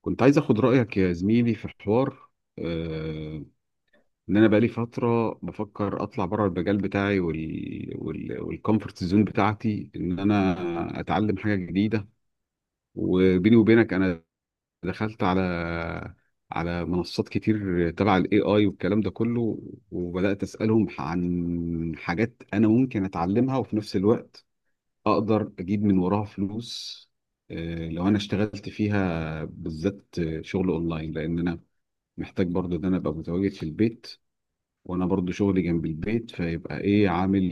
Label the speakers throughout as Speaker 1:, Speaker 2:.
Speaker 1: كنت عايز اخد رأيك يا زميلي في حوار، آه، ان انا بقالي فترة بفكر اطلع بره المجال بتاعي، والكومفورت زون بتاعتي، ان انا اتعلم حاجة جديدة. وبيني وبينك انا دخلت على منصات كتير تبع الاي اي والكلام ده كله، وبدأت اسألهم عن حاجات انا ممكن اتعلمها وفي نفس الوقت اقدر اجيب من وراها فلوس، لو انا اشتغلت فيها بالذات. شغل اونلاين، لان انا محتاج برضو ان انا ابقى متواجد في البيت، وانا برضو شغلي جنب البيت فيبقى ايه عامل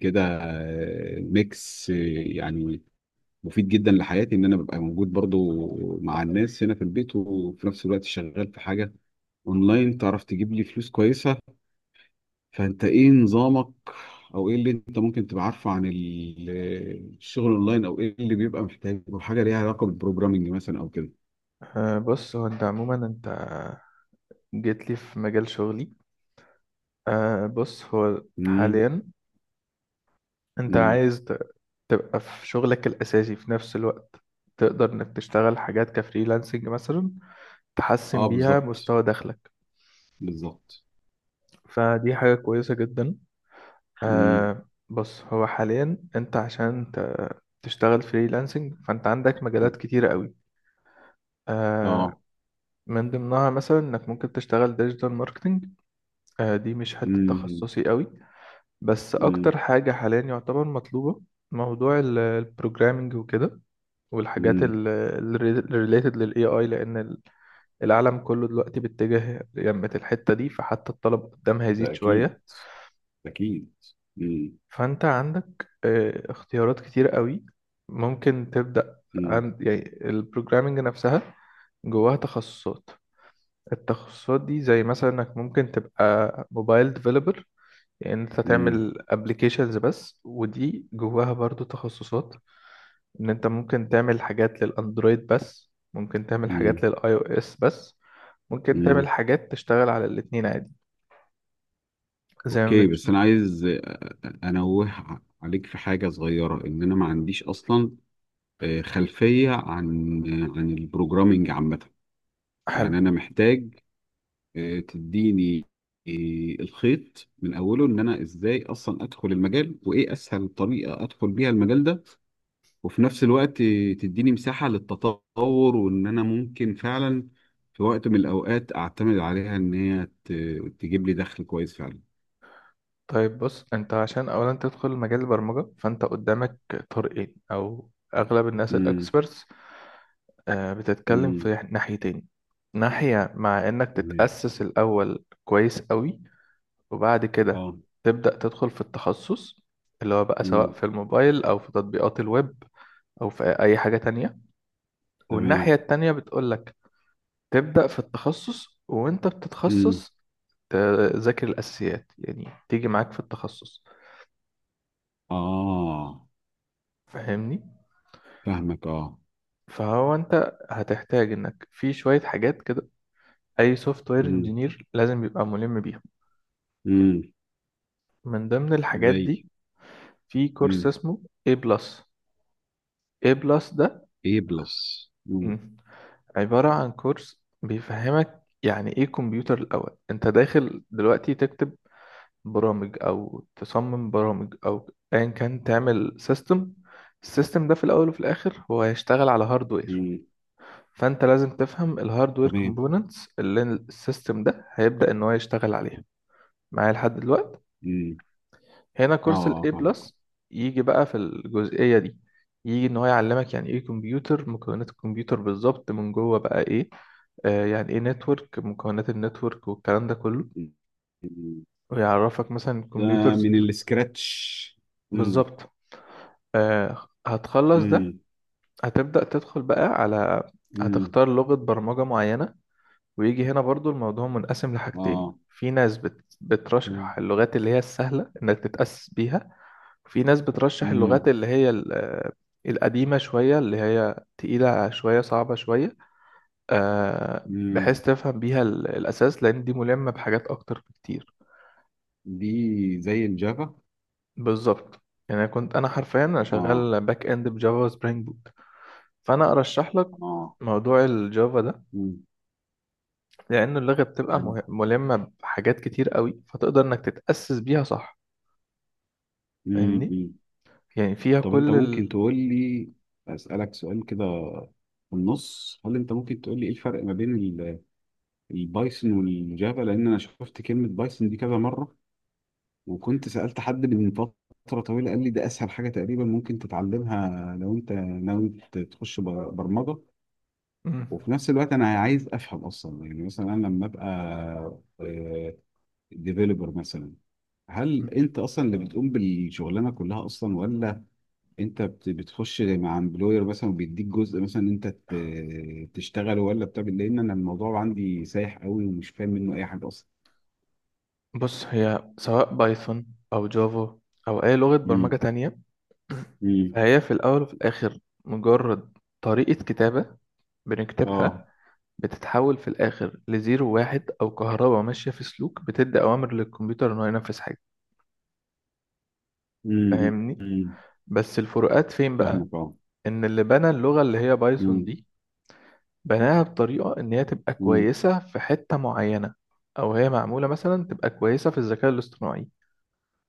Speaker 1: كده. ميكس، يعني مفيد جدا لحياتي ان انا ببقى موجود برضو مع الناس هنا في البيت، وفي نفس الوقت شغال في حاجة اونلاين تعرف تجيب لي فلوس كويسة. فانت ايه نظامك، او ايه اللي انت ممكن تبقى عارفه عن الشغل اونلاين، او ايه اللي بيبقى محتاج، او حاجة ليها علاقة بالبروجرامينج مثلا او كده؟
Speaker 2: بص، هو انت عموما انت جيت لي في مجال شغلي. بص، هو
Speaker 1: امم.
Speaker 2: حاليا انت
Speaker 1: امم.
Speaker 2: عايز تبقى في شغلك الاساسي في نفس الوقت تقدر انك تشتغل حاجات كفريلانسنج مثلا
Speaker 1: اه،
Speaker 2: تحسن بيها
Speaker 1: بالظبط.
Speaker 2: مستوى دخلك،
Speaker 1: بالظبط.
Speaker 2: فدي حاجة كويسة جدا.
Speaker 1: امم.
Speaker 2: بص، هو حاليا انت عشان تشتغل فريلانسنج فانت عندك مجالات
Speaker 1: إمم.
Speaker 2: كتيرة قوي. أه
Speaker 1: اه.
Speaker 2: من ضمنها مثلا انك ممكن تشتغل ديجيتال ماركتنج. دي مش حتة
Speaker 1: امم.
Speaker 2: تخصصي قوي، بس
Speaker 1: امم.
Speaker 2: اكتر حاجة حاليا يعتبر مطلوبة موضوع البروجرامينج وكده، والحاجات
Speaker 1: امم.
Speaker 2: الريليتد للاي اي لان العالم كله دلوقتي بيتجه يمت الحتة دي، فحتى الطلب قدامها هيزيد
Speaker 1: ده اكيد.
Speaker 2: شوية.
Speaker 1: اكيد. امم.
Speaker 2: فانت عندك اختيارات كتير قوي. ممكن تبدأ
Speaker 1: امم.
Speaker 2: عند يعني البروجرامينج نفسها جواها تخصصات. التخصصات دي زي مثلا انك ممكن تبقى موبايل ديفلوبر، يعني انت
Speaker 1: امم.
Speaker 2: تعمل ابلكيشنز بس، ودي جواها برضو تخصصات. ان انت ممكن تعمل حاجات للاندرويد بس، ممكن تعمل حاجات
Speaker 1: امم.
Speaker 2: للاي او اس بس، ممكن تعمل
Speaker 1: امم.
Speaker 2: حاجات تشتغل على الاتنين عادي زي ما
Speaker 1: اوكي، بس
Speaker 2: بنشوف.
Speaker 1: انا عايز انوه عليك في حاجه صغيره: ان انا ما عنديش اصلا خلفيه عن البروجرامينج عامه.
Speaker 2: حلو.
Speaker 1: يعني انا محتاج تديني الخيط من اوله، ان انا ازاي اصلا ادخل المجال، وايه اسهل طريقه ادخل بيها المجال ده. وفي نفس الوقت تديني مساحة للتطور، وإن أنا ممكن فعلا في وقت من الأوقات أعتمد عليها، إن هي تجيب لي دخل كويس فعلا.
Speaker 2: طيب بص، انت عشان اولا تدخل مجال البرمجة فانت قدامك طريقين، او اغلب الناس
Speaker 1: امم.
Speaker 2: الاكسبرتس بتتكلم في
Speaker 1: امم.
Speaker 2: ناحيتين. ناحية مع انك
Speaker 1: تمام.
Speaker 2: تتأسس الاول كويس قوي وبعد كده
Speaker 1: اه.
Speaker 2: تبدأ تدخل في التخصص، اللي هو بقى سواء
Speaker 1: امم.
Speaker 2: في الموبايل أو في تطبيقات الويب أو في أي حاجة تانية.
Speaker 1: تمام.
Speaker 2: والناحية التانية بتقولك تبدأ في التخصص، وأنت
Speaker 1: امم.
Speaker 2: بتتخصص تذاكر الأساسيات يعني تيجي معاك في التخصص.
Speaker 1: اه،
Speaker 2: فاهمني؟
Speaker 1: فاهمك. اه.
Speaker 2: فهو أنت هتحتاج إنك في شوية حاجات كده أي سوفت وير
Speaker 1: امم.
Speaker 2: انجينير لازم يبقى ملم بيها.
Speaker 1: امم.
Speaker 2: من ضمن الحاجات
Speaker 1: زي.
Speaker 2: دي في كورس
Speaker 1: امم.
Speaker 2: اسمه A+. بلس. A+, بلس.
Speaker 1: A+. امم.
Speaker 2: ده عبارة عن كورس بيفهمك يعني ايه كمبيوتر. الأول انت داخل دلوقتي تكتب برامج او تصمم برامج او ايا كان تعمل سيستم. السيستم ده في الأول وفي الآخر هو هيشتغل على هاردوير،
Speaker 1: امم.
Speaker 2: فانت لازم تفهم الهاردوير
Speaker 1: تمام.
Speaker 2: كومبوننتس اللي السيستم ده هيبدأ ان هو يشتغل عليها. معايا لحد دلوقتي؟
Speaker 1: امم.
Speaker 2: هنا
Speaker 1: اه.
Speaker 2: كورس ال
Speaker 1: آه،
Speaker 2: A
Speaker 1: فاهمك.
Speaker 2: بلس يجي بقى في الجزئية دي، يجي ان هو يعلمك يعني ايه كمبيوتر، مكونات الكمبيوتر بالظبط من جوه بقى ايه. يعني ايه نتورك، مكونات النتورك والكلام ده كله.
Speaker 1: مم. مم.
Speaker 2: ويعرفك مثلا
Speaker 1: ده
Speaker 2: الكمبيوترز
Speaker 1: من السكراتش. امم.
Speaker 2: بالظبط. هتخلص ده
Speaker 1: امم.
Speaker 2: هتبدأ تدخل بقى على
Speaker 1: امم.
Speaker 2: هتختار لغة برمجة معينة. ويجي هنا برضو الموضوع منقسم لحاجتين،
Speaker 1: اه.
Speaker 2: في ناس بترشح
Speaker 1: تمام.
Speaker 2: اللغات اللي هي السهلة انك تتأسس بيها، وفي ناس بترشح اللغات
Speaker 1: مم.
Speaker 2: اللي هي القديمة شوية اللي هي تقيلة شوية صعبة شوية،
Speaker 1: مم.
Speaker 2: بحيث تفهم بيها الأساس لأن دي ملمة بحاجات أكتر بكتير.
Speaker 1: دي زي الجافا.
Speaker 2: بالظبط. يعني أنا كنت حرفيا انا
Speaker 1: اه.
Speaker 2: شغال باك اند بجافا سبرينج بوت. فانا ارشح لك
Speaker 1: اه.
Speaker 2: موضوع الجافا ده
Speaker 1: مم.
Speaker 2: لانه اللغه بتبقى
Speaker 1: حلو.
Speaker 2: ملمه بحاجات كتير قوي فتقدر انك تتاسس بيها صح.
Speaker 1: مم.
Speaker 2: فاهمني؟
Speaker 1: مم.
Speaker 2: يعني فيها
Speaker 1: طب انت
Speaker 2: كل
Speaker 1: ممكن
Speaker 2: ال...
Speaker 1: تقول لي، اسالك سؤال كده في النص: هل انت ممكن تقول لي ايه الفرق ما بين البايثون والجافا؟ لان انا شفت كلمه بايثون دي كذا مره، وكنت سالت حد من فتره طويله قال لي ده اسهل حاجه تقريبا ممكن تتعلمها لو انت ناوي تخش برمجه.
Speaker 2: مم.
Speaker 1: وفي نفس الوقت انا عايز افهم اصلا، يعني مثلا انا لما ابقى آه، ديفيلوبر مثلا،
Speaker 2: مم.
Speaker 1: هل انت اصلا اللي بتقوم بالشغلانه كلها اصلا، ولا انت بتخش مع امبلوير مثلا وبيديك جزء مثلا انت تشتغله ولا بتعمل؟ لان انا الموضوع عندي سايح قوي ومش فاهم منه اي حاجه اصلا.
Speaker 2: بص، هي سواء بايثون او جافا او اي لغه برمجه
Speaker 1: امم.
Speaker 2: تانية،
Speaker 1: امم.
Speaker 2: فهي في الاول وفي الاخر مجرد طريقه كتابه
Speaker 1: اه.
Speaker 2: بنكتبها، بتتحول في الآخر لزيرو واحد أو كهرباء ماشية في سلوك بتدي أوامر للكمبيوتر إنه ينفذ حاجة.
Speaker 1: امم.
Speaker 2: فاهمني؟
Speaker 1: امم.
Speaker 2: بس الفروقات فين بقى؟
Speaker 1: فاهمك. اه.
Speaker 2: إن اللي بنى اللغة اللي هي بايثون
Speaker 1: امم.
Speaker 2: دي بناها بطريقة إن هي تبقى
Speaker 1: امم.
Speaker 2: كويسة في حتة معينة، أو هي معمولة مثلا تبقى كويسة في الذكاء الاصطناعي.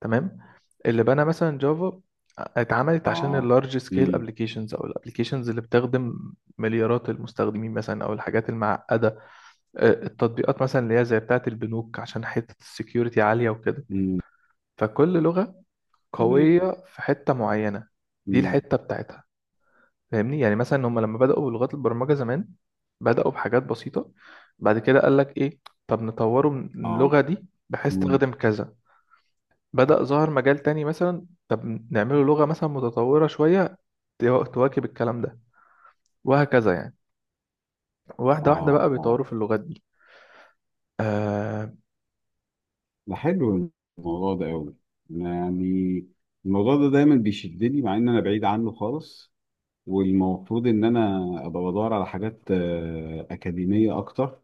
Speaker 2: تمام؟ اللي بنى مثلا جافا اتعملت عشان
Speaker 1: اه.
Speaker 2: اللارج سكيل
Speaker 1: امم.
Speaker 2: ابلكيشنز او الابلكيشنز اللي بتخدم مليارات المستخدمين مثلا او الحاجات المعقده، التطبيقات مثلا اللي هي زي بتاعة البنوك عشان حتة السكيورتي عالية وكده.
Speaker 1: امم.
Speaker 2: فكل لغة
Speaker 1: تمام.
Speaker 2: قوية في حتة معينة، دي
Speaker 1: امم.
Speaker 2: الحتة بتاعتها. فاهمني؟ يعني مثلا هم لما بدأوا بلغات البرمجة زمان بدأوا بحاجات بسيطة، بعد كده قال لك ايه، طب نطوره من
Speaker 1: اه.
Speaker 2: اللغة دي بحيث
Speaker 1: امم.
Speaker 2: تخدم كذا. بدأ ظهر مجال تاني مثلا، طب نعمله لغة مثلا متطورة شوية تواكب الكلام ده، وهكذا يعني. واحدة واحدة بقى
Speaker 1: اه. اه.
Speaker 2: بيطوروا في اللغات دي. آه...
Speaker 1: ده حلو. الموضوع ده قوي، يعني الموضوع ده دايما بيشدني مع ان انا بعيد عنه خالص. والمفروض ان انا ابقى بدور على حاجات اكاديميه اكتر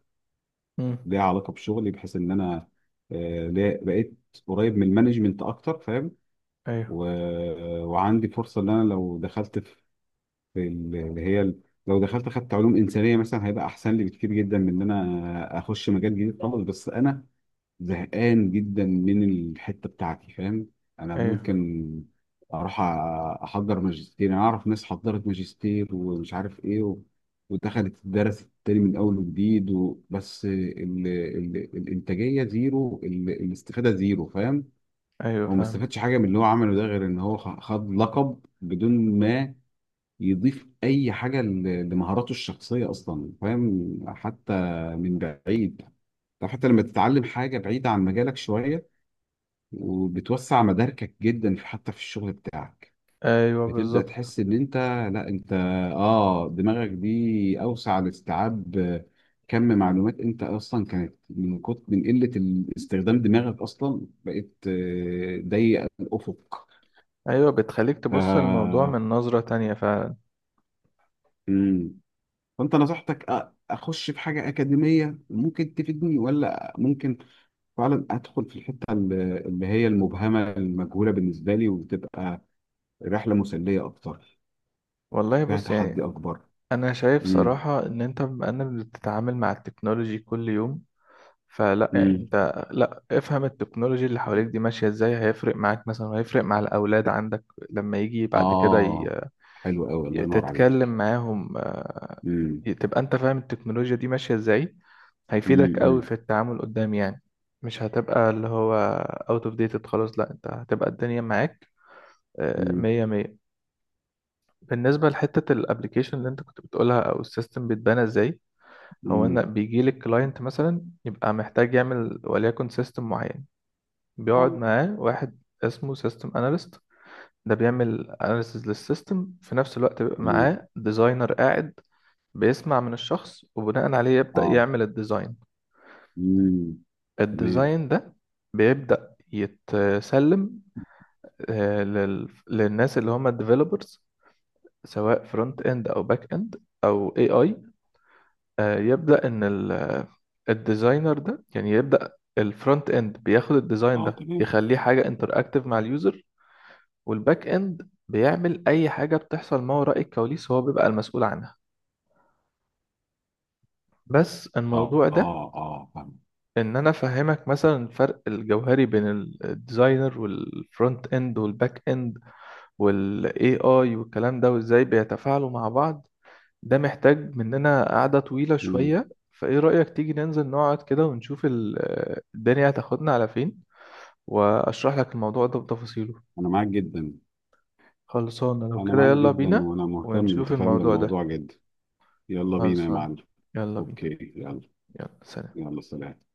Speaker 2: مم.
Speaker 1: ليها علاقه بشغلي، بحيث ان انا بقيت قريب من المانجمنت اكتر، فاهم.
Speaker 2: ايوه
Speaker 1: وعندي فرصه ان انا لو دخلت في لو دخلت خدت علوم انسانيه مثلا، هيبقى احسن لي بكتير جدا من ان انا اخش مجال جديد خالص. بس انا زهقان جدا من الحته بتاعتي، فاهم. انا
Speaker 2: ايوه
Speaker 1: ممكن اروح احضر ماجستير. انا اعرف ناس حضرت ماجستير ومش عارف ايه ودخلت الدرس تاني من اول وجديد، بس الانتاجيه زيرو، الاستفاده زيرو، فاهم.
Speaker 2: ايوه
Speaker 1: هو ما
Speaker 2: فاهم.
Speaker 1: استفادش حاجه من اللي هو عمله ده غير ان هو خد لقب بدون ما يضيف اي حاجه لمهاراته الشخصيه اصلا، فاهم. حتى من بعيد، طب حتى لما تتعلم حاجة بعيدة عن مجالك شوية، وبتوسع مداركك جدا في حتى في الشغل بتاعك،
Speaker 2: ايوه
Speaker 1: بتبدأ
Speaker 2: بالظبط.
Speaker 1: تحس ان انت، لا، انت اه، دماغك دي اوسع لاستيعاب كم معلومات. انت اصلا كانت من كتر من قلة استخدام دماغك اصلا بقيت ضيق الافق.
Speaker 2: ايوه بتخليك
Speaker 1: ف
Speaker 2: تبص الموضوع من نظرة تانية فعلا.
Speaker 1: مم. فانت نصحتك اخش في حاجة اكاديمية ممكن تفيدني، ولا ممكن فعلا ادخل في الحتة اللي هي المبهمة المجهولة بالنسبة لي، وتبقى رحلة مسلية اكتر
Speaker 2: والله
Speaker 1: فيها
Speaker 2: بص
Speaker 1: تحدي
Speaker 2: يعني
Speaker 1: اكبر؟
Speaker 2: انا شايف
Speaker 1: امم.
Speaker 2: صراحة ان انت بما انك بتتعامل مع التكنولوجي كل يوم فلا يعني
Speaker 1: امم.
Speaker 2: انت لا افهم التكنولوجي اللي حواليك دي ماشية ازاي هيفرق معاك مثلا وهيفرق مع الاولاد عندك لما يجي بعد كده
Speaker 1: اه، حلو قوي، الله ينور
Speaker 2: تتكلم
Speaker 1: عليك.
Speaker 2: معاهم،
Speaker 1: امم.
Speaker 2: تبقى انت فاهم التكنولوجيا دي ماشية ازاي هيفيدك قوي في
Speaker 1: امم.
Speaker 2: التعامل قدام يعني. مش هتبقى اللي هو out of dated خلاص، لا انت هتبقى الدنيا معاك
Speaker 1: امم.
Speaker 2: مية مية. بالنسبة لحتة الابليكيشن اللي انت كنت بتقولها او السيستم بيتبنى ازاي، هو
Speaker 1: امم.
Speaker 2: ان بيجي لك كلاينت مثلا يبقى محتاج يعمل وليكن سيستم معين، بيقعد
Speaker 1: اه.
Speaker 2: معاه واحد اسمه سيستم اناليست. ده بيعمل اناليسز للسيستم، في نفس الوقت بيبقى
Speaker 1: تمام.
Speaker 2: معاه ديزاينر قاعد بيسمع من الشخص وبناء عليه يبدأ
Speaker 1: اه.
Speaker 2: يعمل الديزاين.
Speaker 1: مم. تمام.
Speaker 2: الديزاين ده بيبدأ يتسلم للناس اللي هم الديفلوبرز، سواء فرونت اند او باك اند او اي اي. يبدأ إن الديزاينر ده يعني يبدأ. الفرونت إند بياخد الديزاين
Speaker 1: اه.
Speaker 2: ده
Speaker 1: تمام.
Speaker 2: يخليه حاجة انتراكتيف مع اليوزر، والباك إند بيعمل أي حاجة بتحصل ما وراء الكواليس هو بيبقى المسؤول عنها. بس
Speaker 1: اه.
Speaker 2: الموضوع ده
Speaker 1: اه. اه، فاهم.
Speaker 2: إن أنا أفهمك مثلا الفرق الجوهري بين الديزاينر والفرونت إند والباك إند وال AI والكلام ده وإزاي بيتفاعلوا مع بعض ده محتاج مننا قعدة طويلة
Speaker 1: مم.
Speaker 2: شوية. فإيه رأيك تيجي ننزل نقعد كده ونشوف الدنيا هتاخدنا على فين وأشرح لك الموضوع ده بتفاصيله؟
Speaker 1: انا معاك جدا.
Speaker 2: خلصانة لو
Speaker 1: انا
Speaker 2: كده
Speaker 1: معاك
Speaker 2: يلا
Speaker 1: جدا
Speaker 2: بينا
Speaker 1: وانا مهتم،
Speaker 2: ونشوف
Speaker 1: انت فاهم،
Speaker 2: الموضوع ده.
Speaker 1: بالموضوع جدا. يلا بينا يا
Speaker 2: خلصانة؟
Speaker 1: معلم.
Speaker 2: يلا بينا.
Speaker 1: اوكي، يلا.
Speaker 2: يلا سلام.
Speaker 1: يلا سلام.